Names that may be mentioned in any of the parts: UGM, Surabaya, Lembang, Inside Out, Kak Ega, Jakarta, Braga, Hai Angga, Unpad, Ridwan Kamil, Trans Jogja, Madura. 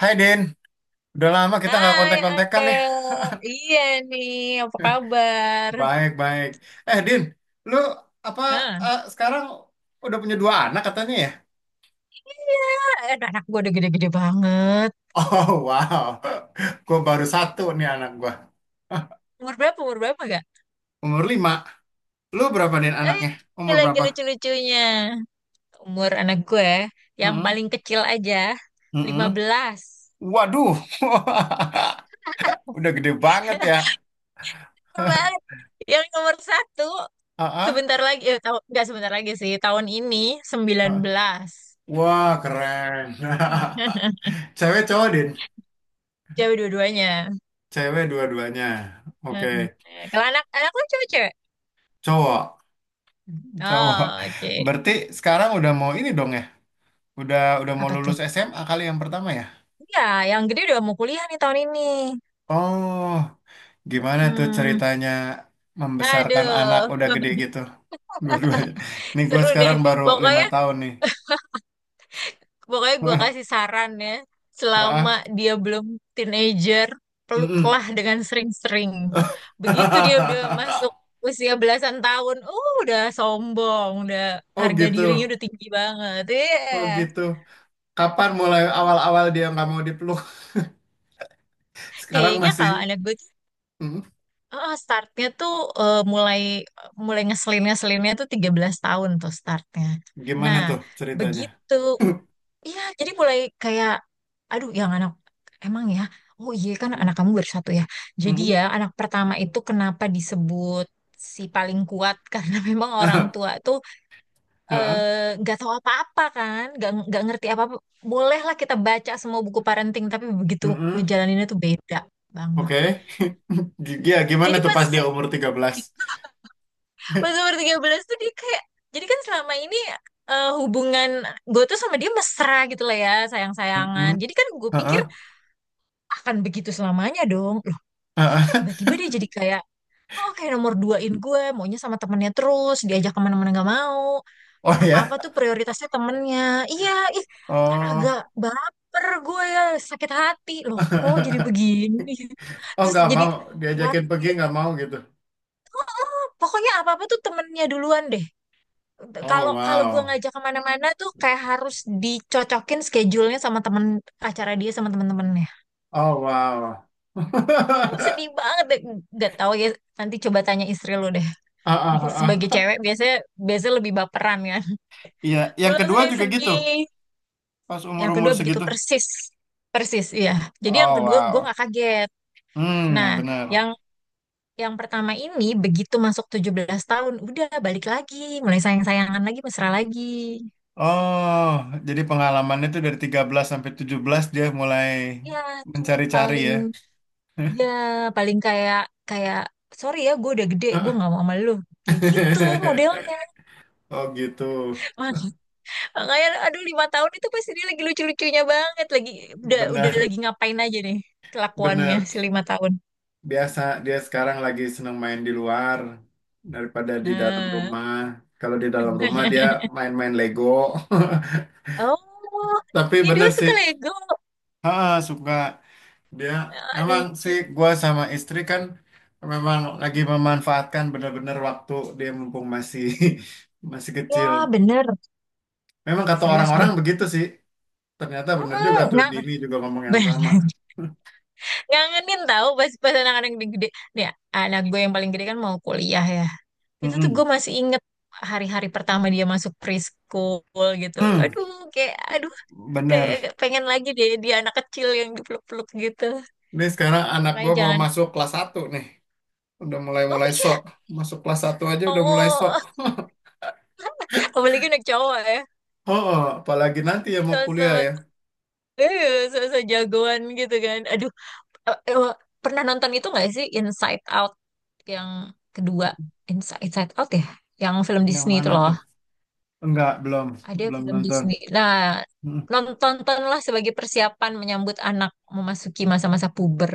Hai Din, udah lama kita nggak Hai kontak-kontakan Angga, nih. iya nih, apa kabar? Baik, baik. Eh Din, lu apa Hah. Sekarang udah punya dua anak katanya ya? Iya, anak-anak gue udah gede-gede banget. Oh wow, gue baru satu nih anak gua. Umur berapa, gak? Umur lima. Lu berapa Din anaknya? Umur Lagi berapa? lucu-lucunya. Umur anak gue, yang Mm-mm. paling kecil aja, Mm-mm. 15. Waduh, udah gede banget ya. Keren banget. Yang nomor satu, Ah, ah, sebentar lagi, tahu, nggak sebentar lagi sih, tahun ini sembilan ah. belas. Wah keren. Cewek cowok Din? Cewek dua-duanya. Cewek dua-duanya. Oke, Heeh. Kalau anak lu cewek-cewek? cowok. Cowok. Oh, oke. Berarti sekarang udah mau ini dong ya? Udah mau Apa tuh? lulus SMA kali yang pertama ya? Iya, yang gede udah mau kuliah nih tahun ini. Oh, gimana tuh Hmm, ceritanya membesarkan anak aduh, udah gede gitu? Dua-duanya. Nih gue seru sekarang deh. baru lima Pokoknya, tahun nih. pokoknya, gue kasih saran ya. Selama Heeh. dia belum teenager, Mm-mm. peluklah dengan sering-sering. Begitu dia udah masuk usia belasan tahun, udah sombong, udah Oh harga dirinya gitu. udah tinggi banget. Oh Iya. gitu. Kapan mulai awal-awal dia nggak mau dipeluk? Sekarang Kayaknya kalau masih. anak gue, Mm. Startnya tuh, mulai mulai ngeselinnya tuh 13 tahun tuh startnya. Gimana Nah, tuh ceritanya? begitu. Iya, jadi mulai kayak, aduh, yang anak emang ya. Oh iya kan Mm. anak kamu baru satu ya. Jadi Mm-mm. ya anak pertama itu kenapa disebut si paling kuat, karena memang orang tua tuh Heeh. Nggak tahu apa-apa kan, nggak ngerti apa-apa. Bolehlah kita baca semua buku parenting, tapi begitu Mm-mm. ngejalaninnya tuh beda banget. Oke. Ya, gimana Jadi tuh pas pasti dia umur 13? pas umur 13 tuh dia kayak, jadi kan selama ini hubungan gue tuh sama dia mesra gitu lah ya, sayang-sayangan. Mm-mm. Jadi kan gue pikir Heeh. akan begitu selamanya dong. Loh, kok Heeh. tiba-tiba dia jadi kayak, oh, kayak nomor duain gue, maunya sama temennya terus, diajak kemana-mana nggak mau, Oh apa-apa ya. tuh prioritasnya temennya. Iya, ih, kan agak Oh. baper gue ya, sakit hati, loh kok jadi begini. Oh, Terus nggak jadi mau diajakin pergi khawatir, nggak mau gitu. pokoknya apa-apa tuh temennya duluan deh. Oh, Kalau kalau gue wow. ngajak kemana-mana tuh kayak harus dicocokin schedule-nya sama temen, acara dia sama temen-temennya. Oh, wow. Gue sedih banget deh. Gak tau ya, nanti coba tanya istri lu deh. Ah, ah, ah, Sebagai ah. cewek biasanya biasanya lebih baperan kan. Iya, Gue yang langsung kedua kayak juga gitu. sedih. Pas Yang umur-umur kedua begitu segitu. persis. Persis, iya. Jadi yang Oh, kedua gue wow. nggak kaget. Nah, Hmm, benar. yang yang pertama ini begitu masuk 17 tahun udah balik lagi, mulai sayang-sayangan lagi, mesra lagi. Oh, jadi pengalamannya itu dari 13 sampai 17 dia mulai Ya, tuh mencari-cari paling ya. Ya, paling kayak, kayak sorry ya, gue udah gede, gue nggak mau sama lu. Kayak gitu modelnya. Oh gitu, Mak- Makanya, aduh, 5 tahun itu pasti dia lagi lucu-lucunya banget, lagi udah benar, lagi ngapain aja nih kelakuannya benar. si 5 tahun. Biasa dia sekarang lagi senang main di luar daripada di dalam Nah, rumah. Kalau di dalam rumah dia main-main Lego. oh, Tapi itu bener sih, suka Lego. ha, suka dia. Ah, Emang lucu. sih gua sama istri kan memang lagi memanfaatkan bener-bener waktu dia mumpung masih masih kecil. Ya, bener, Memang kata serius orang-orang deh. begitu sih. Ternyata bener juga Mm-mm, tuh ngang, Dini juga ngomong yang sama. bener. Ngangenin tahu pas pas anak-anak yang gede. Nih, anak gue yang paling gede kan mau kuliah ya. Itu tuh gue Mm-mm. masih inget hari-hari pertama dia masuk preschool gitu. Hmm, Aduh, kayak aduh, kayak bener. agak pengen lagi deh dia anak kecil yang dipeluk-peluk gitu. Ini sekarang anak Makanya gua mau jangan. masuk kelas satu nih. Udah Oh mulai-mulai sok. iya. Masuk kelas satu aja udah mulai sok. Oh, apalagi anak cowok ya. Oh, oh, apalagi nanti ya mau kuliah So-so ya. So-so jagoan gitu kan. Aduh, eh, eh, pernah nonton itu nggak sih Inside Out yang kedua? Inside Out ya, yang film Yang Disney itu mana loh. tuh? Enggak, belum. Ada Belum film nonton. Disney. Nah, Mm. Tontonlah sebagai persiapan menyambut anak memasuki masa-masa puber.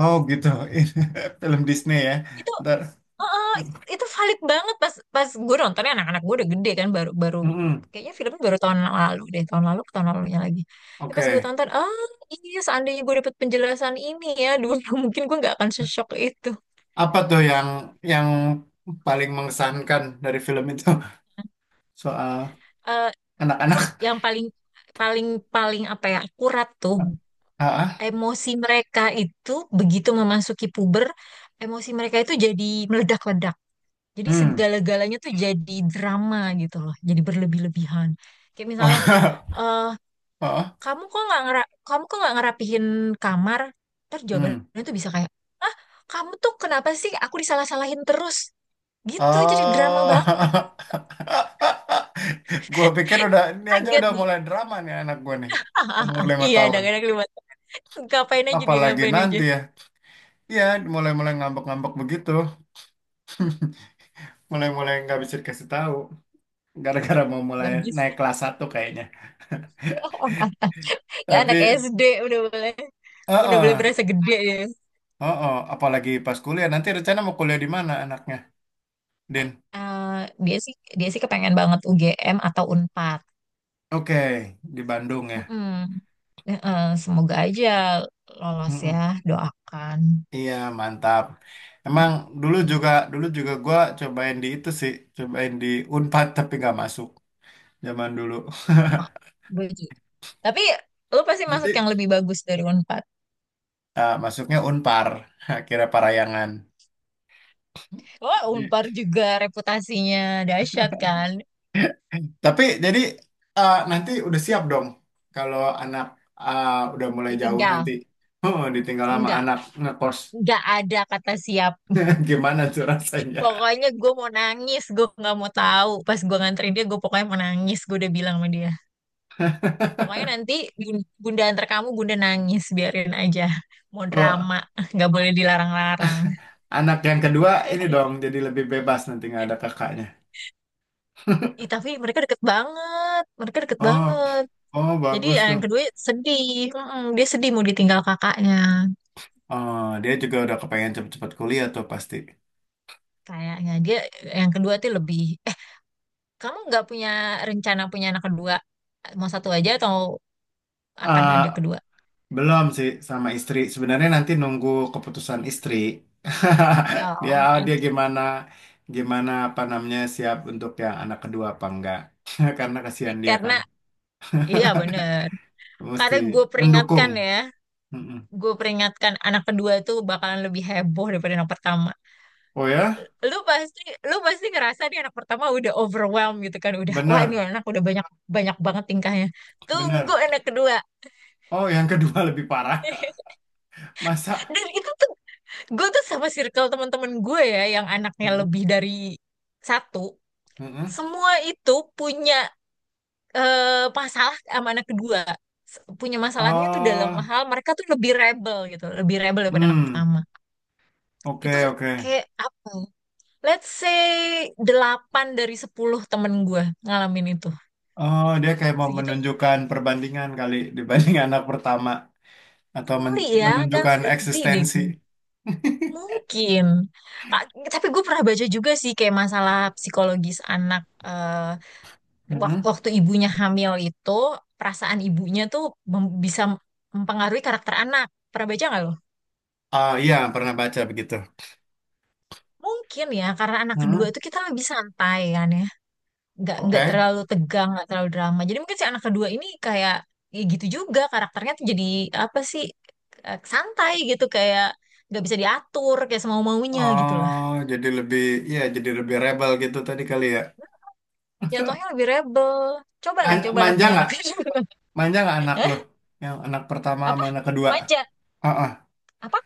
Oh gitu. Ini film Disney ya. Itu Ntar. eh, itu valid banget pas pas gue nontonnya anak-anak gue udah gede kan, baru baru Mm-mm. kayaknya filmnya baru tahun lalu deh, tahun lalu ke tahun lalunya lagi. Ya, pas gue Oke. tonton, ah iya seandainya gue dapet penjelasan ini ya dulu, mungkin gue nggak akan sesok itu. Apa tuh yang paling mengesankan dari film itu? Soal Eh, anak-anak. yang paling paling paling apa ya, akurat tuh Ah, ah. emosi mereka itu. Begitu memasuki puber, emosi mereka itu jadi meledak-ledak. Jadi Hmm. segala-galanya tuh jadi drama gitu loh, jadi berlebih-lebihan. Kayak misalnya, eh Oh, oh. Kamu kok nggak ngerapihin kamar? Ntar Hmm. jawabannya tuh bisa kayak, ah kamu tuh kenapa sih? Aku disalah-salahin terus. Gitu, jadi drama banget. Oh, gue pikir udah ini aja Kaget udah deh. mulai drama nih anak gue nih umur lima Iya, tahun. kadang-kadang kelihatan. Ngapain aja dia, Apalagi ngapain aja. nanti ya, iya mulai-mulai ngambek-ngambek begitu, mulai-mulai nggak bisa dikasih tahu, gara-gara mau mulai Bagus. naik kelas satu kayaknya. Ya, anak Tapi, SD udah boleh heeh, berasa gede ya. heeh, apalagi pas kuliah nanti rencana mau kuliah di mana anaknya, Din? Eh, dia sih kepengen banget UGM atau Unpad. Oke, di Bandung ya. Mm-mm. Semoga aja lolos ya, Mm-mm. doakan. Iya, mantap. Emang dulu Dari juga dulu juga gua cobain di itu sih, cobain di Unpad tapi nggak masuk zaman dulu. Sama gue juga. Tapi lu pasti masuk yang Nanti lebih bagus dari Unpad. Masuknya Unpar, akhirnya Parayangan. Wah, Di- Unpad juga reputasinya dahsyat kan. Tapi jadi nanti udah siap dong kalau anak eh, udah mulai jauh nanti. Ditinggal. Oh, ditinggal sama Enggak. anak ngekos. Enggak ada kata siap. Gimana tuh rasanya? Pokoknya gue mau nangis, gue nggak mau tahu. Pas gue nganterin dia, gue pokoknya mau nangis. Gue udah bilang sama dia. Pokoknya nanti bunda antar kamu, bunda nangis biarin aja. Mau Oh, drama, nggak boleh dilarang-larang. anak yang kedua ini dong jadi lebih bebas nanti nggak ada kakaknya. Ih, tapi mereka deket banget, mereka deket Oh, banget. oh Jadi bagus tuh. yang kedua sedih, mm-mm, dia sedih mau ditinggal kakaknya. Oh dia juga udah kepengen cepet-cepet kuliah tuh pasti. Kayaknya dia, yang kedua tuh lebih. Eh, Kamu nggak punya rencana punya anak kedua? Mau satu aja atau akan Eh, ada kedua? belum sih sama istri. Sebenarnya nanti nunggu keputusan istri. Dia Oh, oh, dia oke. gimana gimana apa namanya siap untuk yang anak kedua apa enggak? Karena kasihan dia Karena kan iya bener. mesti Karena gue mendukung. peringatkan ya, Mm-mm. gue peringatkan anak kedua tuh bakalan lebih heboh daripada anak pertama. Oh ya, lu pasti Lu pasti ngerasa nih anak pertama udah overwhelmed gitu kan, udah wah ini benar, anak udah banyak banyak banget tingkahnya, tunggu benar. anak kedua. Oh, yang kedua lebih parah. Masa? Dan itu tuh gue tuh sama circle teman-teman gue ya yang anaknya Mm-mm, lebih dari satu, mm-mm. semua itu punya eh, masalah sama anak kedua. Punya masalahnya tuh dalam Oh, hal mereka tuh lebih rebel gitu, lebih rebel daripada anak hmm, pertama. oke Itu oke. kayak apa ya? Let's say 8 dari 10 temen gue ngalamin itu Oh, dia kayak mau segitu. menunjukkan perbandingan kali dibanding anak pertama atau Kali ya, gak menunjukkan ngerti deh eksistensi. gue. Mungkin. Ah, Tapi gue pernah baca juga sih kayak masalah psikologis anak, eh, Mhm. waktu ibunya hamil itu, perasaan ibunya tuh bisa mempengaruhi karakter anak. Pernah baca nggak lo? Ah, iya, pernah baca begitu. Mungkin ya, karena anak kedua Mhm. itu kita lebih santai kan ya. Nggak Oke. terlalu tegang, nggak terlalu drama. Jadi mungkin si anak kedua ini kayak ya gitu juga karakternya, tuh jadi apa sih, santai gitu kayak nggak bisa diatur kayak semau-maunya gitu loh. Oh, jadi lebih jadi lebih rebel gitu tadi kali ya. Jatuhnya lebih rebel. Cobalah manja punya nggak? anak. Manja nggak anak lo? Hah? Yang anak pertama Apa? sama anak kedua? Manja? Heeh. Apa?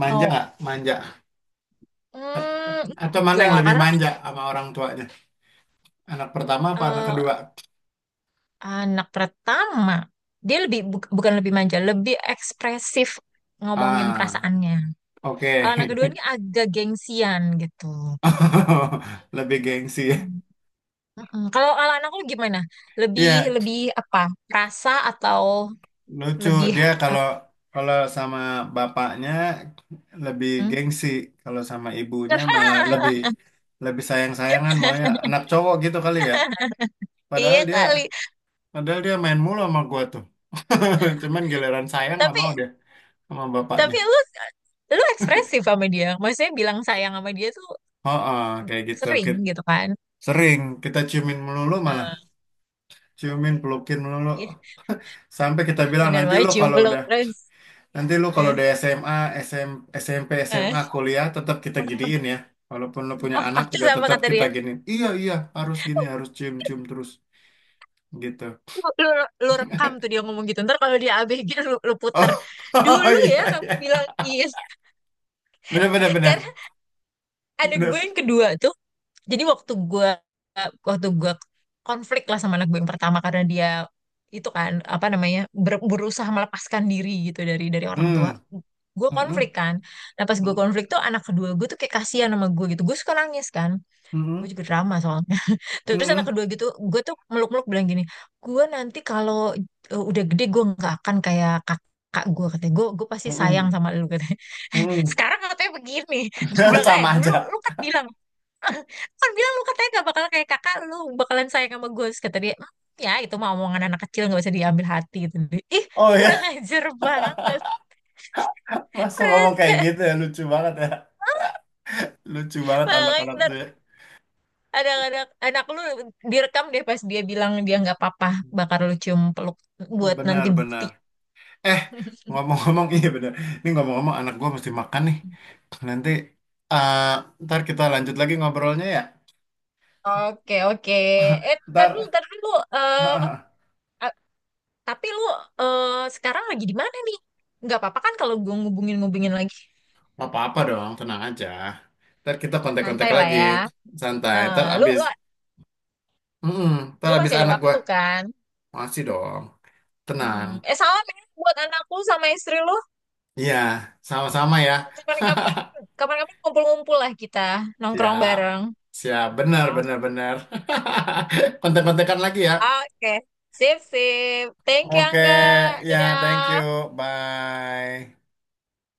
Manja Oh, nggak? Manja. hmm, Atau mana yang enggak. lebih Karena kan manja sama orang tuanya? Anak pertama apa anak eh, kedua? anak pertama, dia lebih bukan lebih manja, lebih ekspresif ngomongin Ah, perasaannya. Kalau anak kedua oke. ini agak gengsian gitu. Lebih gengsi. Hmm. Mm-mm. Kalau Kalau anak lu gimana? Lebih Iya, Lebih apa? Rasa atau lucu lebih dia kalau apa? kalau sama bapaknya lebih gengsi, kalau sama ibunya malah lebih lebih sayang-sayangan maunya anak cowok gitu kali ya. Padahal Iya dia kali. padahal dia main mulu sama gua tuh. Cuman giliran sayang nggak Tapi mau dia sama bapaknya. Tapi lu lu ekspresif sama dia. Maksudnya bilang sayang sama dia tuh Oh, oh, kayak gitu. sering gitu kan. Sering kita ciumin melulu malah, Eh, ciumin pelukin melulu iya, sampai kita bilang bener nanti banget lo cium kalau peluk udah. terus. Nanti lu kalau di Eh, SMA, SM, SMP, eh. SMA, kuliah tetap kita giniin ya. Walaupun lu punya anak Terus juga apa tetap kata kita dia? giniin. Iya, iya, harus gini, harus cium-cium terus gitu. Lu, lu, Lu rekam tuh dia ngomong gitu. Ntar kalau dia ABG lu puter. Oh, Dulu iya, ya kamu iya. bilang iya. Bener, bener, Karena bener. ada gue Bener. yang kedua tuh. Jadi waktu gue waktu gue konflik lah sama anak gue yang pertama karena dia itu kan apa namanya berusaha melepaskan diri gitu dari orang tua. Hmm. Gue Mm-mm. konflik kan. Nah pas gue Mm-mm. konflik tuh anak kedua gue tuh kayak kasihan sama gue gitu. Gue suka nangis kan. Gue Mm-mm. juga drama soalnya. Terus anak Mm-mm. kedua gitu, gue tuh meluk-meluk bilang gini, gue nanti kalau udah gede gue nggak akan kayak kakak gue katanya, gue pasti sayang Mm-mm. sama lu katanya. Mm-mm. Sekarang katanya begini, gue bilang eh Sama dulu aja. lu kan bilang, lu katanya gak bakal kayak kakak lu, bakalan sayang sama gue. Terus kata dia, "Hmm, ya itu mah omongan anak kecil, gak bisa diambil hati gitu." Ih, Oh kurang ya, ajar banget, masa ngomong kayak rese. gitu ya. Lucu banget Makanya anak-anak ntar tuh ya. Anak lu direkam deh pas dia bilang dia nggak apa-apa bakal lu cium peluk, buat Benar, nanti bukti. benar. Eh, ngomong-ngomong, iya benar. Ini ngomong-ngomong anak gua mesti makan nih. Nanti eh Ntar kita lanjut lagi ngobrolnya ya. Oke, oke. Ntar Ntar dulu. Eh, Eh, tapi lu eh, sekarang lagi di mana nih, nggak apa-apa kan kalau gue ngubungin-ngubungin lagi, apa-apa dong, tenang aja. Ntar kita kontak-kontak santai lah lagi, ya. santai. Eh, lu, lu, mm Ntar Lu abis masih ada anak gue waktu kan? masih dong, tenang. Hmm. Sama men, buat anakku sama istri lu. Iya, sama-sama ya. Kapan-kapan, Kapan-kapan ngumpul-ngumpul lah kita, nongkrong Siap, bareng. siap, benar, Nah, oke. benar, benar. Kontak-kontakan lagi ya. Oke. Sip, sip. Thank you, Oke, Angga. ya, thank Dadah. you, bye.